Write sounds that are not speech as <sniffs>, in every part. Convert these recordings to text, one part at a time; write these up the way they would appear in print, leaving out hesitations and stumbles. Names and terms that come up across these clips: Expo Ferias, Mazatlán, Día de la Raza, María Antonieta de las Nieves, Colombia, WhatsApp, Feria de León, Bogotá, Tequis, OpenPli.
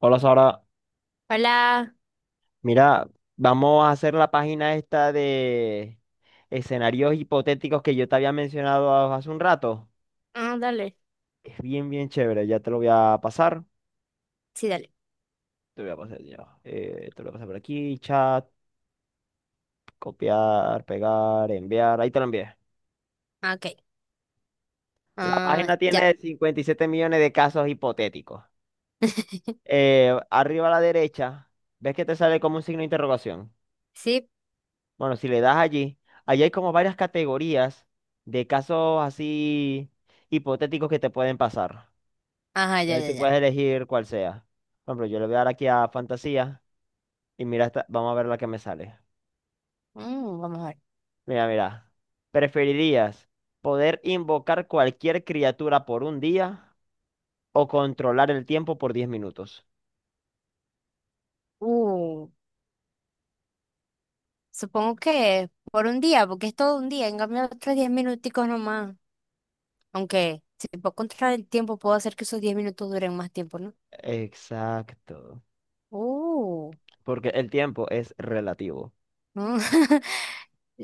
Hola Sara, Hola. mira, vamos a hacer la página esta de escenarios hipotéticos que yo te había mencionado hace un rato. Ah, dale. Es bien, bien chévere, ya te lo voy a pasar. Sí, dale. Te voy a pasar ya. Te lo voy a pasar por aquí, chat, copiar, pegar, enviar. Ahí te lo envié. Ah, OK. La Ah, página ya. tiene 57 millones de casos hipotéticos. <laughs> Arriba a la derecha, ¿ves que te sale como un signo de interrogación? Sí. Bueno, si le das allí, allí hay como varias categorías de casos así hipotéticos que te pueden pasar. Ajá, ya, Entonces ya, tú puedes ya. elegir cuál sea. Por ejemplo, yo le voy a dar aquí a fantasía y mira, vamos a ver la que me sale. Mm, vamos a ver. Mira, mira. ¿Preferirías poder invocar cualquier criatura por un día o controlar el tiempo por 10 minutos? Uh, supongo que por un día, porque es todo un día. En cambio, otros 10 minuticos nomás. Aunque si puedo controlar el tiempo, puedo hacer que esos 10 minutos duren más tiempo, ¿no? Exacto. Uh. Porque el tiempo es relativo. Mm. <laughs>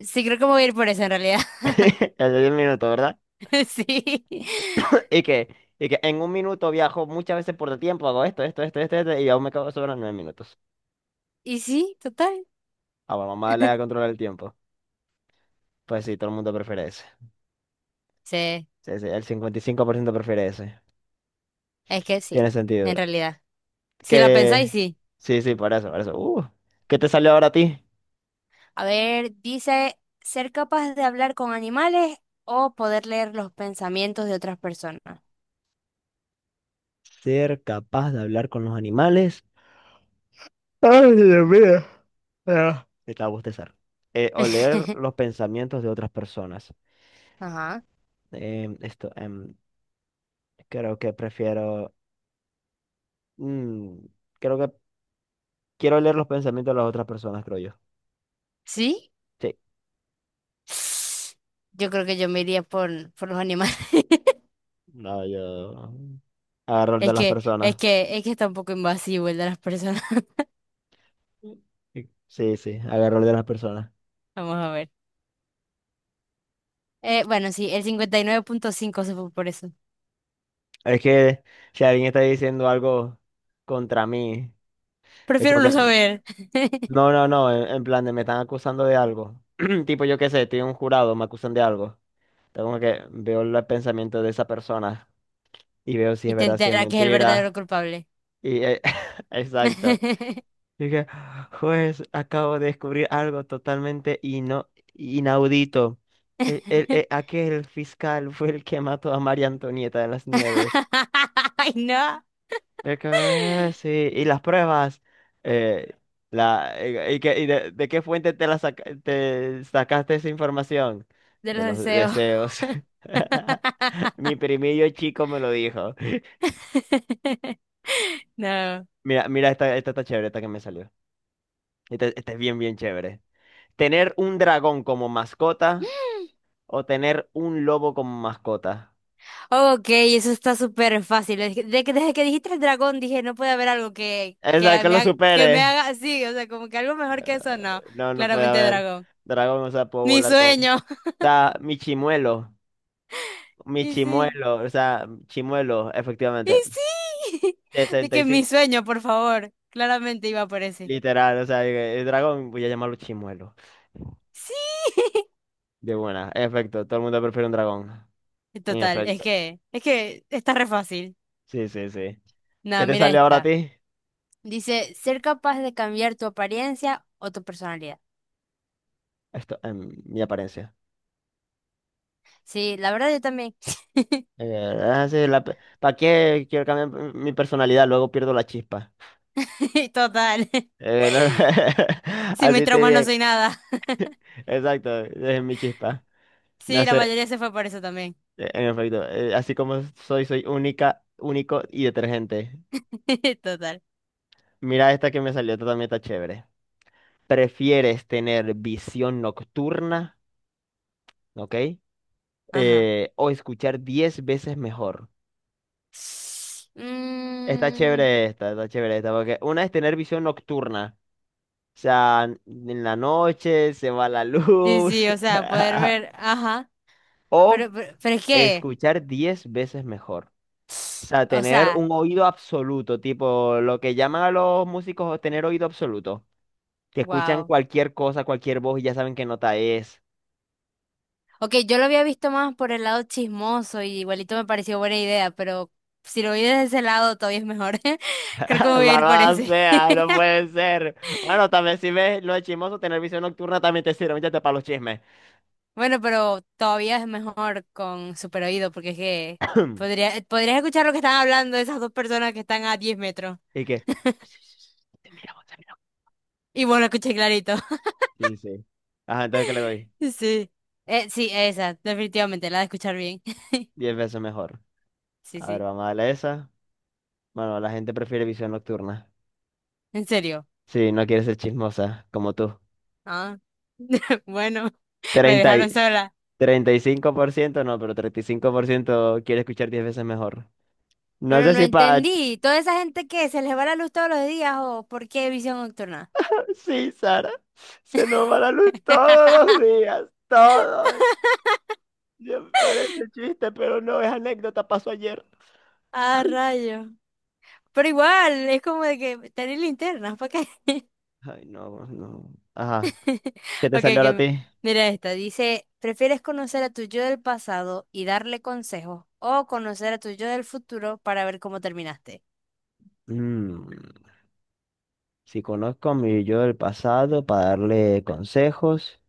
Sí, creo que me voy a ir por eso en realidad. <laughs> El de 10 minutos, ¿verdad? <laughs> Sí. Y que en un minuto viajo muchas veces por el tiempo, hago esto, esto, esto, esto, esto, y aún me quedo sobre los 9 minutos. Y sí, total. Ah, bueno, mamá le da <laughs> controlar el tiempo. Pues sí, todo el mundo prefiere ese. Sí, Sí, sí, el 55% prefiere ese. es que sí, Tiene sentido. en realidad. Si la pensáis, Que. sí. Sí, sí, por eso, por eso. ¿Qué te salió ahora a ti? A ver, dice, ser capaz de hablar con animales o poder leer los pensamientos de otras personas. Ser capaz de hablar con los animales. Ay, Dios mío. Ah, estaba a bostezar. O leer <laughs> los pensamientos de otras personas. Ajá. Esto, creo que prefiero. mm, Creo que quiero leer los pensamientos de las otras personas, creo yo. ¿Sí? Sí. Yo creo que yo me iría por los animales. <laughs> No, yo agarro el de Es las que, es personas. que, es que está un poco invasivo el de las personas. <laughs> Sí, sí, agarro el de las personas. Vamos a ver. Bueno, sí, el 59.5 se fue por eso. Es que si alguien está diciendo algo contra mí, es como Prefiero no que. saber. <laughs> No, no, no, en plan de me están acusando de algo. <clears throat> Tipo, yo qué sé, estoy en un jurado, me acusan de algo. Tengo como que veo el pensamiento de esa persona y veo si Y es te verdad, si es entera que es el verdadero mentira. culpable. Y, <laughs> exacto. <laughs> Dije, juez, acabo de descubrir algo totalmente inaudito. Aquel fiscal fue el que mató a María Antonieta de las Nieves. Ay, no. De que, "Ah, sí, y las pruebas. Eh, la, y de qué fuente te, te sacaste esa información? De De los los deseos. deseos. <laughs> <laughs> Mi primillo chico me lo dijo. <laughs> No. Mira, mira, esta está chévere, esta que me salió. Esta es bien, bien chévere. Tener un dragón como mascota o tener un lobo como mascota. OK, eso está súper fácil. Es que- de que- Desde que dijiste el dragón dije, no puede haber algo Esa que lo que me supere. haga así. O sea, como que algo mejor que eso, no. No, no puede Claramente haber. dragón. Dragón, o sea, puedo Mi volar con. sueño. <laughs> O mi chimuelo. Mi Y sí. chimuelo, o sea, chimuelo, Y efectivamente. sí. <laughs> De sesenta y que mi cinco sueño, por favor. Claramente iba por ese. literal, o sea, el dragón, voy a llamarlo chimuelo. Sí. De buena, en efecto, todo el mundo prefiere un dragón. <laughs> En Total, efecto, es que está re fácil. sí, sí, sí. ¿Qué No, te mira sale ahora a esta. ti? Dice, ser capaz de cambiar tu apariencia o tu personalidad. Esto, mi apariencia. Sí, la verdad yo también. Ah, sí, ¿para qué quiero cambiar mi personalidad? Luego pierdo la chispa. <laughs> Total. No, no, <laughs> Sin mis así te trauma no bien, soy nada. <laughs> exacto, es mi chispa. Me Sí, la hace, mayoría se fue por eso también. En efecto, así como soy, soy única, único y detergente. <laughs> Total. Mira esta que me salió, esta también está chévere. ¿Prefieres tener visión nocturna, ok? Ajá. O escuchar 10 veces mejor. Mm, Está chévere esta, porque una es tener visión nocturna, o sea, en la noche se va la sí, sí, luz, o sea, poder ver. Ajá. <laughs> o Pero es que. escuchar 10 veces mejor. O <sniffs> sea, O tener sea, un oído absoluto, tipo lo que llaman a los músicos tener oído absoluto. Que escuchan wow. cualquier cosa, cualquier voz y ya saben qué nota es. OK, yo lo había visto más por el lado chismoso y igualito me pareció buena idea, pero si lo vi desde ese lado todavía es mejor. <laughs> Creo que me <laughs> voy a ir por Malvada ese. sea, no <laughs> puede ser. Bueno, también si ves lo de chismoso, tener visión nocturna también te sirve, métete para los chismes. Bueno, pero todavía es mejor con super oído porque es que <clears throat> podrías escuchar lo que están hablando esas dos personas que están a 10 metros ¿Y qué? y vos lo escuchás clarito. Sí, sí. Ajá, ¿entonces qué le doy? <laughs> Sí. Sí, esa, definitivamente, la de escuchar bien. <laughs> 10 veces mejor. Sí, A ver, sí, vamos a darle esa. Bueno, la gente prefiere visión nocturna. en serio. Sí, no quiere ser chismosa, como tú. Ah, <laughs> bueno, me 30. dejaron sola. 35%, no, pero 35% quiere escuchar 10 veces mejor. No Pero sé no si para. entendí, ¿toda esa gente que se les va la luz todos los días o por qué visión nocturna? Sí, Sara, se nos va la luz todos los <laughs> días, todos. Ya me parece chiste, pero no es anécdota, pasó ayer. Ah, rayo. Pero igual, es como de que tener linternas, ¿para qué? Ay, no, no. Ajá, <laughs> ¿qué te OK, salió ahora a ok, ti? mira esta. Dice, ¿prefieres conocer a tu yo del pasado y darle consejos o conocer a tu yo del futuro para ver cómo terminaste? Mm, si conozco a mi yo del pasado para darle consejos,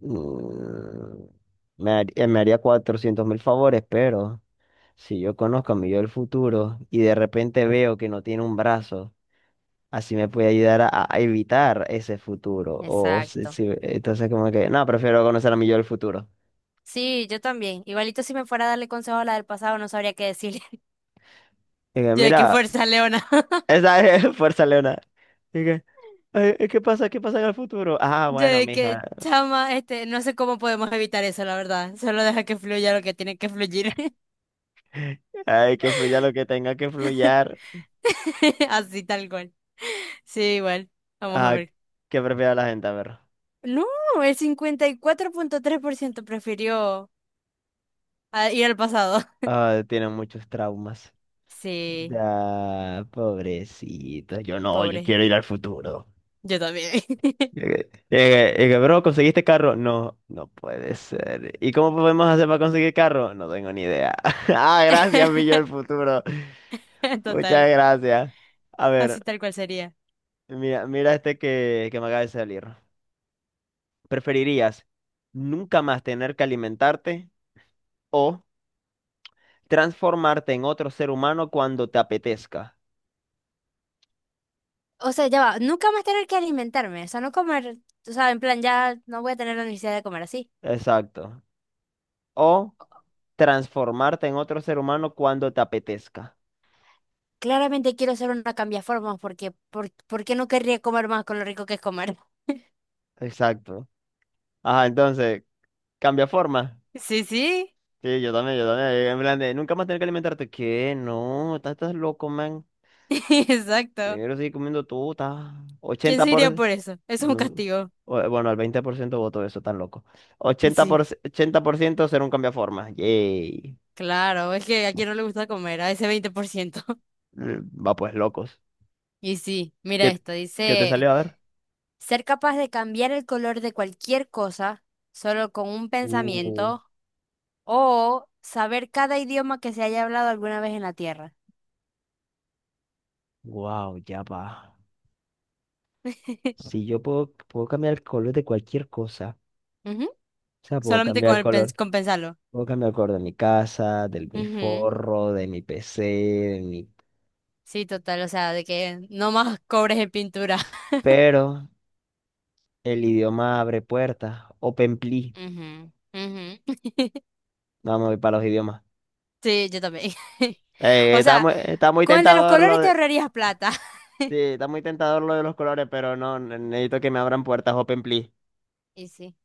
mm, me haría 400.000 favores, pero. Si yo conozco a mi yo del futuro y de repente veo que no tiene un brazo, así me puede ayudar a evitar ese futuro. O Exacto. Entonces como que, no, prefiero conocer a mi yo del futuro. Sí, yo también. Igualito si me fuera a darle consejos a la del pasado no sabría qué decirle. <laughs> Y que, Yo de qué mira, fuerza, Leona. <laughs> esa es <laughs> Fuerza Leona. Y que, "Ay, ¿qué pasa? ¿Qué pasa en el futuro? Ah, Yo bueno, de mija, qué chama, no sé cómo podemos evitar eso, la verdad. Solo deja que fluya lo que tiene que fluir. hay que fluya lo que tenga que fluyar. <laughs> Así tal cual. Sí, igual. Vamos a Ah, ver. ¿qué prefiere la gente? A ver, No, el 54.3% prefirió, ah, ir al pasado. ah, tiene muchos traumas. Sí, Ya, pobrecito, yo no, yo pobre. quiero ir al futuro. Yo también. Llegué, llegué, llegué, bro, ¿conseguiste carro? No, no puede ser. ¿Y cómo podemos hacer para conseguir carro? No tengo ni idea. <laughs> Ah, gracias, mi yo <laughs> del futuro. <laughs> Muchas Total, gracias. A así ver, tal cual sería. mira, mira este que me acaba de salir. ¿Preferirías nunca más tener que alimentarte o transformarte en otro ser humano cuando te apetezca? O sea, ya va, nunca más tener que alimentarme, o sea, no comer, o sea, en plan, ya no voy a tener la necesidad de comer así. Exacto. O transformarte en otro ser humano cuando te apetezca. Claramente quiero hacer una cambiaformas porque, ¿por qué no querría comer más con lo rico que es comer? Exacto. Ajá, entonces, cambia forma. Sí, sí, Sí, yo también, yo también. En plan de, nunca más tener que alimentarte. ¿Qué? No, estás loco, man. <laughs> exacto. Primero sigue comiendo tú, estás ¿Quién ochenta se iría por... por eso? Eso es un No. castigo. Bueno, al 20% voto eso, tan loco. ochenta Sí, por... ciento, 80% ser un cambio de. Yay. claro, es que a quien no le gusta comer, a ese 20%. <laughs> Va pues, locos. Y sí, mira ¿Qué, esto, qué te dice. salió a ver? Ser capaz de cambiar el color de cualquier cosa solo con un Uh, pensamiento o saber cada idioma que se haya hablado alguna vez en la Tierra. wow, ya va. <laughs> Si yo puedo, puedo cambiar el color de cualquier cosa. Ujú. O sea, puedo Solamente cambiar con, el el pens- color. con pensarlo. Puedo cambiar el color de mi casa, de mi Ujú. forro, de mi PC, de mi, Sí, total, o sea, de que no más <laughs> cobres en pintura. pero el idioma abre puertas. OpenPli, <laughs> Ujú, ujú. <laughs> vamos a ir para los idiomas. Sí, yo también. <laughs> O Está sea, muy, está muy con el de los tentador lo colores te de, ahorrarías plata. sí, <laughs> está muy tentador lo de los colores, pero no, necesito que me abran puertas OpenPli. Y sí.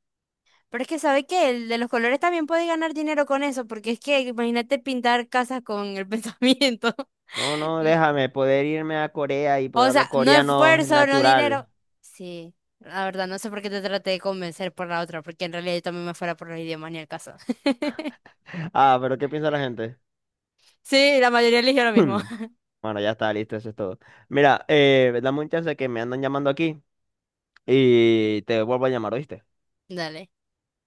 Pero es que, ¿sabes qué? El de los colores también puede ganar dinero con eso, porque es que imagínate pintar casas con el <laughs> pensamiento. No, no, L- déjame poder irme a Corea y poder O hablar sea, no coreano esfuerzo, no natural. dinero. <laughs> Sí, la verdad, no sé por qué te traté de convencer por la otra, porque en realidad yo también me fuera por los idiomas ni el caso. <laughs> Ah, ¿pero qué piensa la gente? <clears throat> Sí, la mayoría eligió lo mismo. Hmm. <laughs> Bueno, ya está, listo, eso es todo. Mira, dame un chance que me andan llamando aquí y te vuelvo a llamar, ¿oíste? Dale.